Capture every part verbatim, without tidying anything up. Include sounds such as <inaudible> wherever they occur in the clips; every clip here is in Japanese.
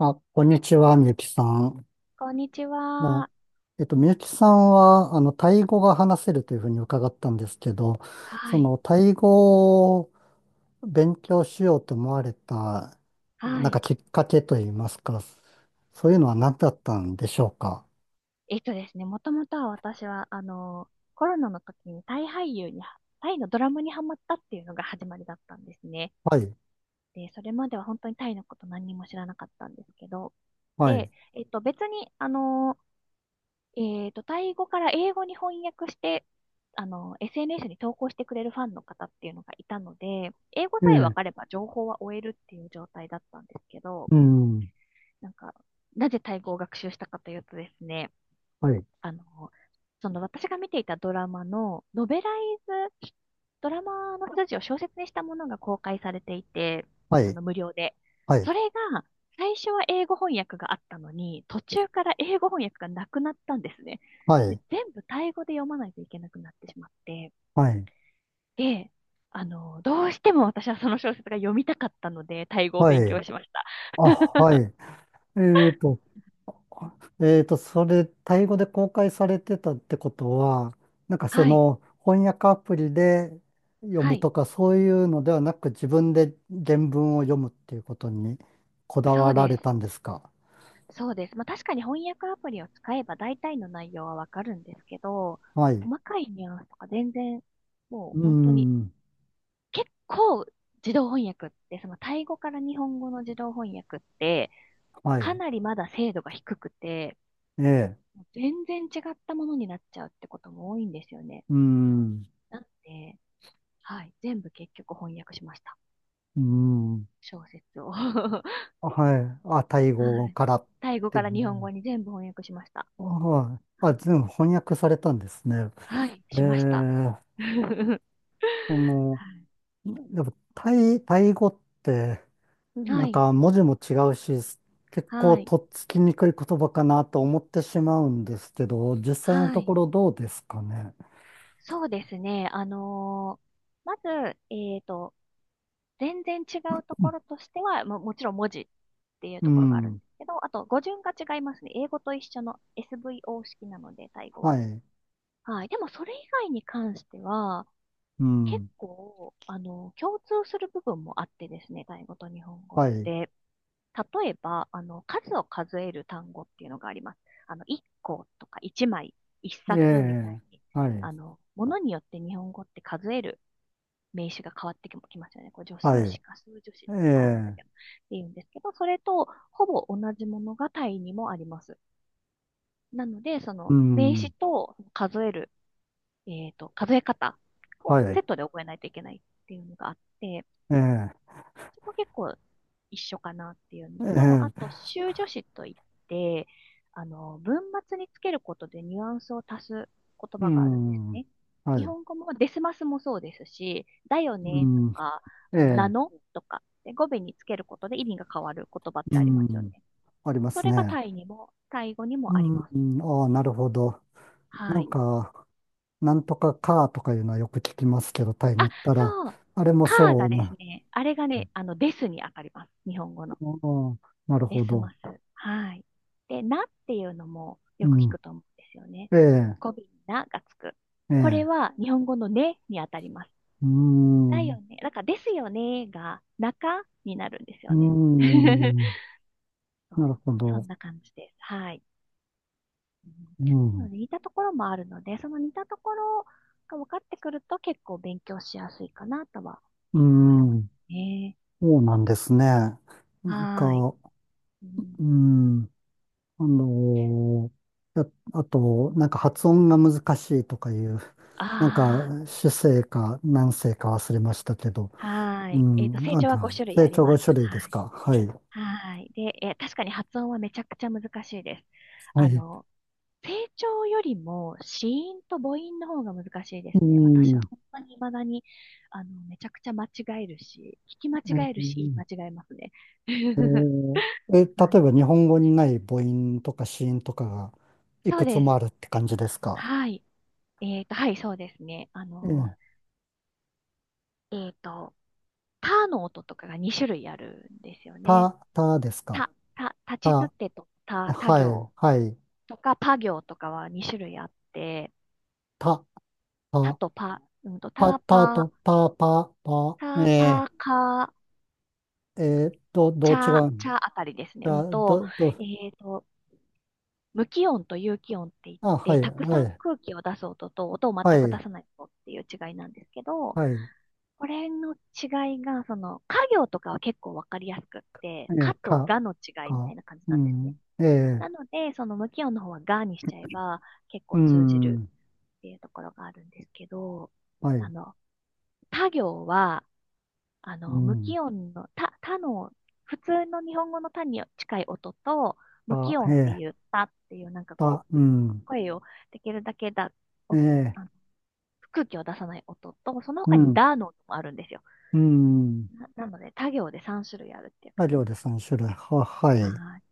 あ、こんにちは、みゆきさん。こんにちまあ、は。えっと、みゆきさんは、あの、タイ語が話せるというふうに伺ったんですけど、はそい。の、タイ語を勉強しようと思われた、はなんい。かきっかけといいますか、そういうのは何だったんでしょうか。えっとですね、もともとは私は、あの、コロナの時にタイ俳優に、タイのドラマにハマったっていうのが始まりだったんですね。はい、で、それまでは本当にタイのこと何にも知らなかったんですけど、はい、で、えっと、別に、あの、えっと、タイ語から英語に翻訳して、あの、エスエヌエス に投稿してくれるファンの方っていうのがいたので、英語さええ分え、かれば情報は追えるっていう状態だったんですけど、うん、なんか、なぜタイ語を学習したかというとですね、はい、あの、その私が見ていたドラマの、ノベライズ、ドラマの筋を小説にしたものが公開されていて、はあい、の、無料で。はい、それが、最初は英語翻訳があったのに、途中から英語翻訳がなくなったんですね。はで、い、全部タイ語で読まないといけなくなってしまって、はい、で、あの、どうしても私はその小説が読みたかったので、タイ語をは勉い、強しました。あ、はい。えっと、えーと、それ、タイ語で公開されてたってことは、なんかそはい、の翻訳アプリで読はむい、とかそういうのではなく自分で原文を読むっていうことにこだそわうらでれたんす。ですか？そうです。まあ確かに翻訳アプリを使えば大体の内容はわかるんですけど、はい。細かいニュアンスとか全然、もうう本当に、ん。結構自動翻訳って、そのタイ語から日本語の自動翻訳って、はかい。なりまだ精度が低くて、ええ。全然違ったものになっちゃうってことも多いんですよね。うん。なので、はい、全部結局翻訳しました。うん。小説を。<laughs> ははい。あ、タイ語い。からっタイ語ていからう日の本ね。語に全部翻訳しました。あ、はい、あ、全部翻訳されたんですね。はい、えしました。え、<laughs> はその、いでも、タイ、タイ語って、はなんい、か文字も違うし、結構はい、とっつきにくい言葉かなと思ってしまうんですけど、実際のはとこい。ろどうですかね。そうですね。あのーまず、えっと、全然違うところとしては、も、もちろん文字っていううところがあるんん。ですけど、あと語順が違いますね。英語と一緒の エスブイオー 式なので、タイ語は。はい。はい。でも、それ以外に関しては、う結ん。構、あの、共通する部分もあってですね、タイ語と日本語っはい。て。例えば、あの、数を数える単語っていうのがあります。あの、いっことかいちまい、1え冊みたいえ。に、はい。あの、ものによって日本語って数える名詞が変わってきますよね。これ、助は数い。詞か数助詞えだったか忘れたえ。けど、っていうんですけど、それとほぼ同じものが単位にもあります。なので、そうの名詞ん。と数える、えっと、数え方をはセい。ットで覚えないといけないっていうのがあって、ええ。そこ結構一緒かなっていうのえと、あと、え。修助詞といって、あの、文末につけることでニュアンスを足す言う葉があるんですん。ね。は日い。本語もデスマスもそうですし、だよねとうん。か、えあの、なえ。のとか、で語尾につけることで意味が変わる言葉っうてありますよね。ん。ありまそすれがね。タイにも、タイ語にうもあります。ん。ああ、なるほど。なはんい。か、なんとかカーとかいうのはよく聞きますけど、タイあ、に行ったら、そう。あれもカーそがうですな。ね、あれがね、あの、ですに当たります。日本語の。うん、なるベほスマど。ス。はい。で、なっていうのもうよく聞ん。くと思うんですよね。ええ、語尾にながつく。えこれえ。は日本語のねにあたります。うーだよん。ね。だからですよねが中になるんですうーよね。<laughs> ん。そなるほうそど。んな感じです。はい。うん、うなん。ので似たところもあるので、その似たところが分かってくると結構勉強しやすいかなとはうー思いますん。ね。そうなんですね。なんか、はーい。ううーん、ん。あのーやあと、なんか発音が難しいとかいう、なんかあ主声か何声か忘れましたけど、あ、はうーい。えっと、ん。成あの、長はご種類あ成り長まごす。種類ではすい。か。はい。はい。で、えー、確かに発音はめちゃくちゃ難しいです。はあい。の、声調よりも子音と母音の方が難しいでうすね。私はん。本当に未だに、あの、めちゃくちゃ間違えるし、聞き間違ええるし、言い間ー違えますね。え <laughs> ーえは例い。えば日本語にない母音とか子音とかがいそうくつです。もあるって感じですか？はい。えっと、はい、そうですね。あえの、え、えっと、たの音とかがに種類あるんですよね。た、たですか？た、た、たた、ちつはてとい、た、た行はい、とか、ぱ行とかはに種類あって、た、タた、とパ、うんと、パ、タたパ、と、た、パ、パ、タえパカ、ー、えー、ど、どチう違ャ、う？チャあたりですね。じゃうんあ、と、ど、ど、えっと、無気音と有気音って言っあ、はて、い、たくはさんい、空気を出す音と音を全はく出い、さない音っていう違いなんですけど、はい、これの違いが、その、家行とかは結構わかりやすくっえて、かー、とか、がの違いみたか、いな感じうなんですね。ん、えー、なので、その無気音の方はがにしちゃえば結う構通じるん、っていうところがあるんですけど、はあい、の、他行は、あうの、無ん、気音の、た、たの、普通の日本語のたに近い音と、無気か、え音っていう、ーたっていう、なんかこた、う、うん、声をできるだけだ、お、ええ、あの、空気を出さない音と、そのう他にん、だの音もあるんですよ。うん。な、なので、他行でさん種類あるっていうあ、感じ料理です。さん種類。は、はい。はい。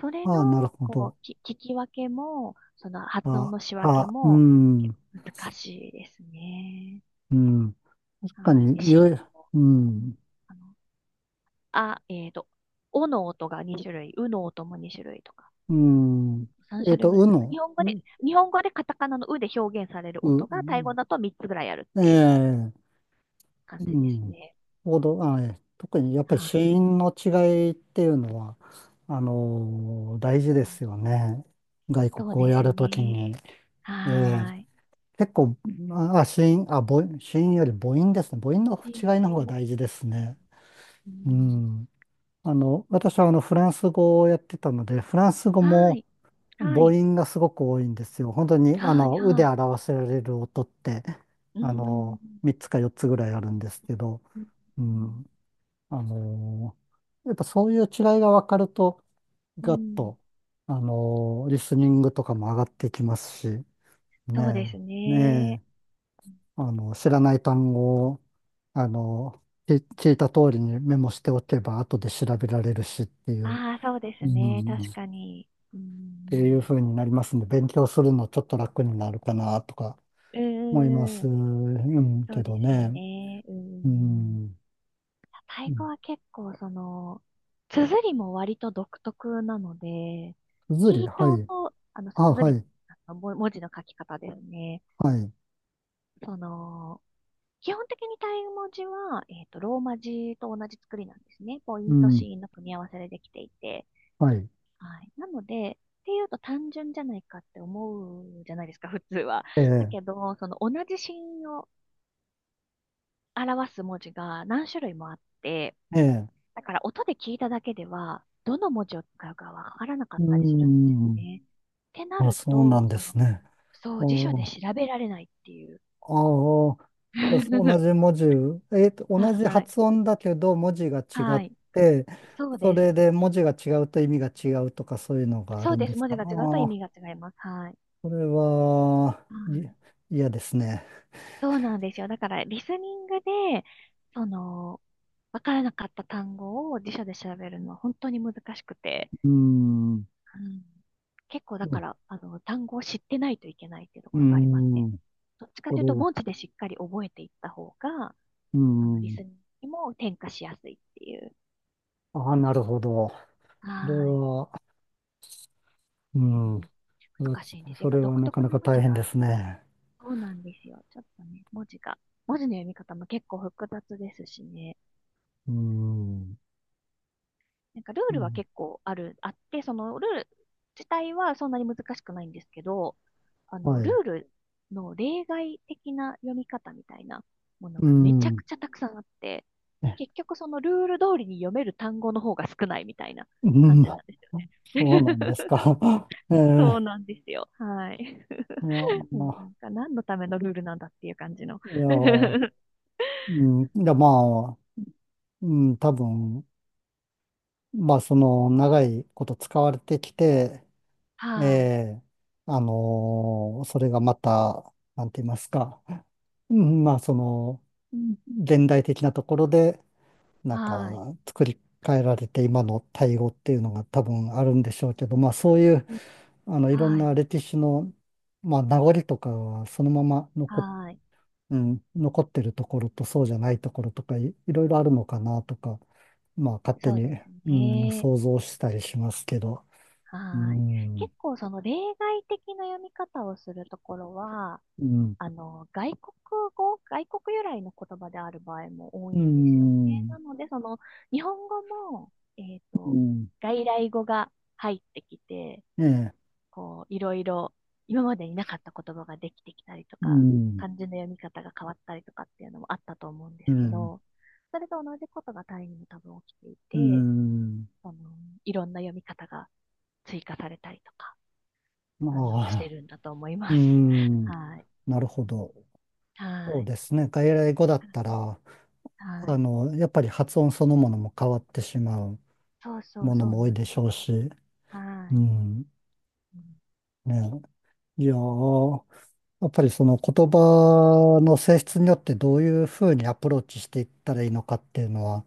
それああ、なるの、ほこど。う、き、聞き分けも、その発音あ、の仕分けあ、うも、ん、結う構難しいですね。ん。確かはに、い。子音ゆ、も、ううん、ん、あの、あ、えっと、おの音がに種類、うの音もに種類とか、うん。さんえ種っ類と、ぐらういかな。日の、本語で、う、日本語でカタカナのうで表現される音う、が、タイ語だとみっつぐらいあるっえていうえ、う感じですん。ね。ほど、あ、ええ、特にやっぱりは子い。音の違いっていうのは、あのー大事ですよね。外国そうをですやるときね。に。ええ、はーい。結構、あ、あ、子音、あ、母音、子音より母音ですね。母音のいい違いのもい方いがも。大事ですね。ううん、ん。あの、私はあの、フランス語をやってたので、フランス語はもい。は母い。音がすごく多いんですよ。本当に、あはい。の、うはでい。表せられる音って、うあん。の、みっつかよっつぐらいあるんですけど、うん。ううん。ん。あの、やっぱそういう違いが分かると、うガッん、と、あの、リスニングとかも上がってきますし、ねそうですえ、ね。ねえ。あの、知らない単語を、あの、き聞いた通りにメモしておけば、後で調べられるしっていう、ああ、そうでうすね。ん、確っかに。うていうん。風になりますんで、勉強するのちょっと楽になるかなとかうん。う思いまんうす、ん、うん、そうけでどすよね。ね。ううん。ん。タうイ語ん、は結構その、綴りも割と独特なので、すずり、聞いはたい。音、あの、あ、は綴り、い、あのも文字の書き方ですね。はい。その、基本的にタイ文字は、えっと、ローマ字と同じ作りなんですね。ポイうントシん、ーンの組み合わせでできていて。はい。はい。なので、っていうと単純じゃないかって思うじゃないですか、普通は。えだえ、けど、その同じシーンを表す文字が何種類もあって、ええ、だから音で聞いただけでは、どの文字を使うかわからなかうったりするんですよん。ね。ってなあ、るそうなと、んでそすの、ね。そう、辞書でお、調べられないっていう。ああ、じゃあ同 <laughs> じ文字、えーと、同じはい。発音だけど文字が違はっい。て、そうそでれす。で文字が違うと意味が違うとかそういうのがあそるうんでです。す文か？字が違うとあ意あ、味が違います。はい。それは、はい、い。嫌ですね。そうなんですよ。だから、リスニングで、その、わからなかった単語を辞書で調べるのは本当に難しくて、うーん、ううん、結構だから、あの、単語を知ってないといけないっていうとーころがありますね。ん、どっちかこというれとは、文字でしっかり覚えていった方が、うーあの、リスん、ニングにも転化しやすいっていう。ああ、なるほど。それはーい。は、ううん、ん、難しいんですそよ。やっぱれは独なか特ななか文字大変がである。すね。そうなんですよ。ちょっとね、文字が、文字の読み方も結構複雑ですしね。うーん、なんかルーうルはん、結構ある、あって、そのルール自体はそんなに難しくないんですけど、あはの、い、ルうールの例外的な読み方みたいなものーがめちゃん、くちゃたくさんあって、え、結局そのルール通りに読める単語の方が少ないみたいなう感ん、じなんですよそうね。なんです <laughs> か。<laughs> えそうえ、なんですよ。はい。いや、<laughs> もまうなあ、んか何のためのルールなんだっていう感じの。いや、う <laughs> ん、いや、まあ、うん、多分、まあ、その、長いこと使われてきて、えはい。え、あのそれがまた、なんて言いますか、うん、まあ、その、現代的なところで、なんはい。か、作り変えられて、今の対応っていうのが多分あるんでしょうけど、まあ、そういう、あの、いろんはない。歴史の、まあ、名残とかはそのまま残って、はい。うん、残ってるところとそうじゃないところとか、い、いろいろあるのかなとか、まあ勝手そうに、ですうん、ね。想像したりしますけど、うはーい。ん、結構その例外的な読み方をするところは、うん、あの、外国語、外国由来の言葉である場合も多ういんですよね。ん、なので、その、日本語も、えっうと、ん、外来語が入ってきて、ええ、こう、いろいろ、今までになかった言葉ができてきたりとうか、ん、漢字の読み方が変わったりとかっていうのもあったと思うんでうすけん、ど、それと同じことがタイにも多分起きていうて、ん、その、いろんな読み方が追加されたりとか、まあの、してあ、るんだと思いうます。<laughs> ん、はい。なるほど。そはうい。ですね。外来語だったら、はあい。の、やっぱり発音そのものも変わってしまうそうそもう、のそうも多いなんででしょすうよ。し、はうい。ん、うん、ね、いやー、やっぱりその言葉の性質によってどういうふうにアプローチしていったらいいのかっていうのは、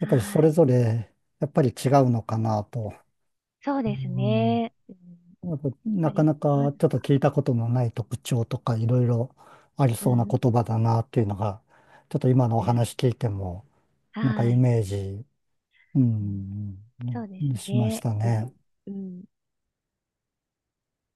やっぱりそれい。ぞれやっぱり違うのかなと。そううですん。ね。うん、やっぱやっなぱかり、なかちょまっずとは、聞いたことのない特徴とかいろいろありうそうなん、言葉だなっていうのが、ちょっと今のおうん、話聞いても、はなんかイい。メージ、ううん、ん、そうですしましね。たうん、ね。うん。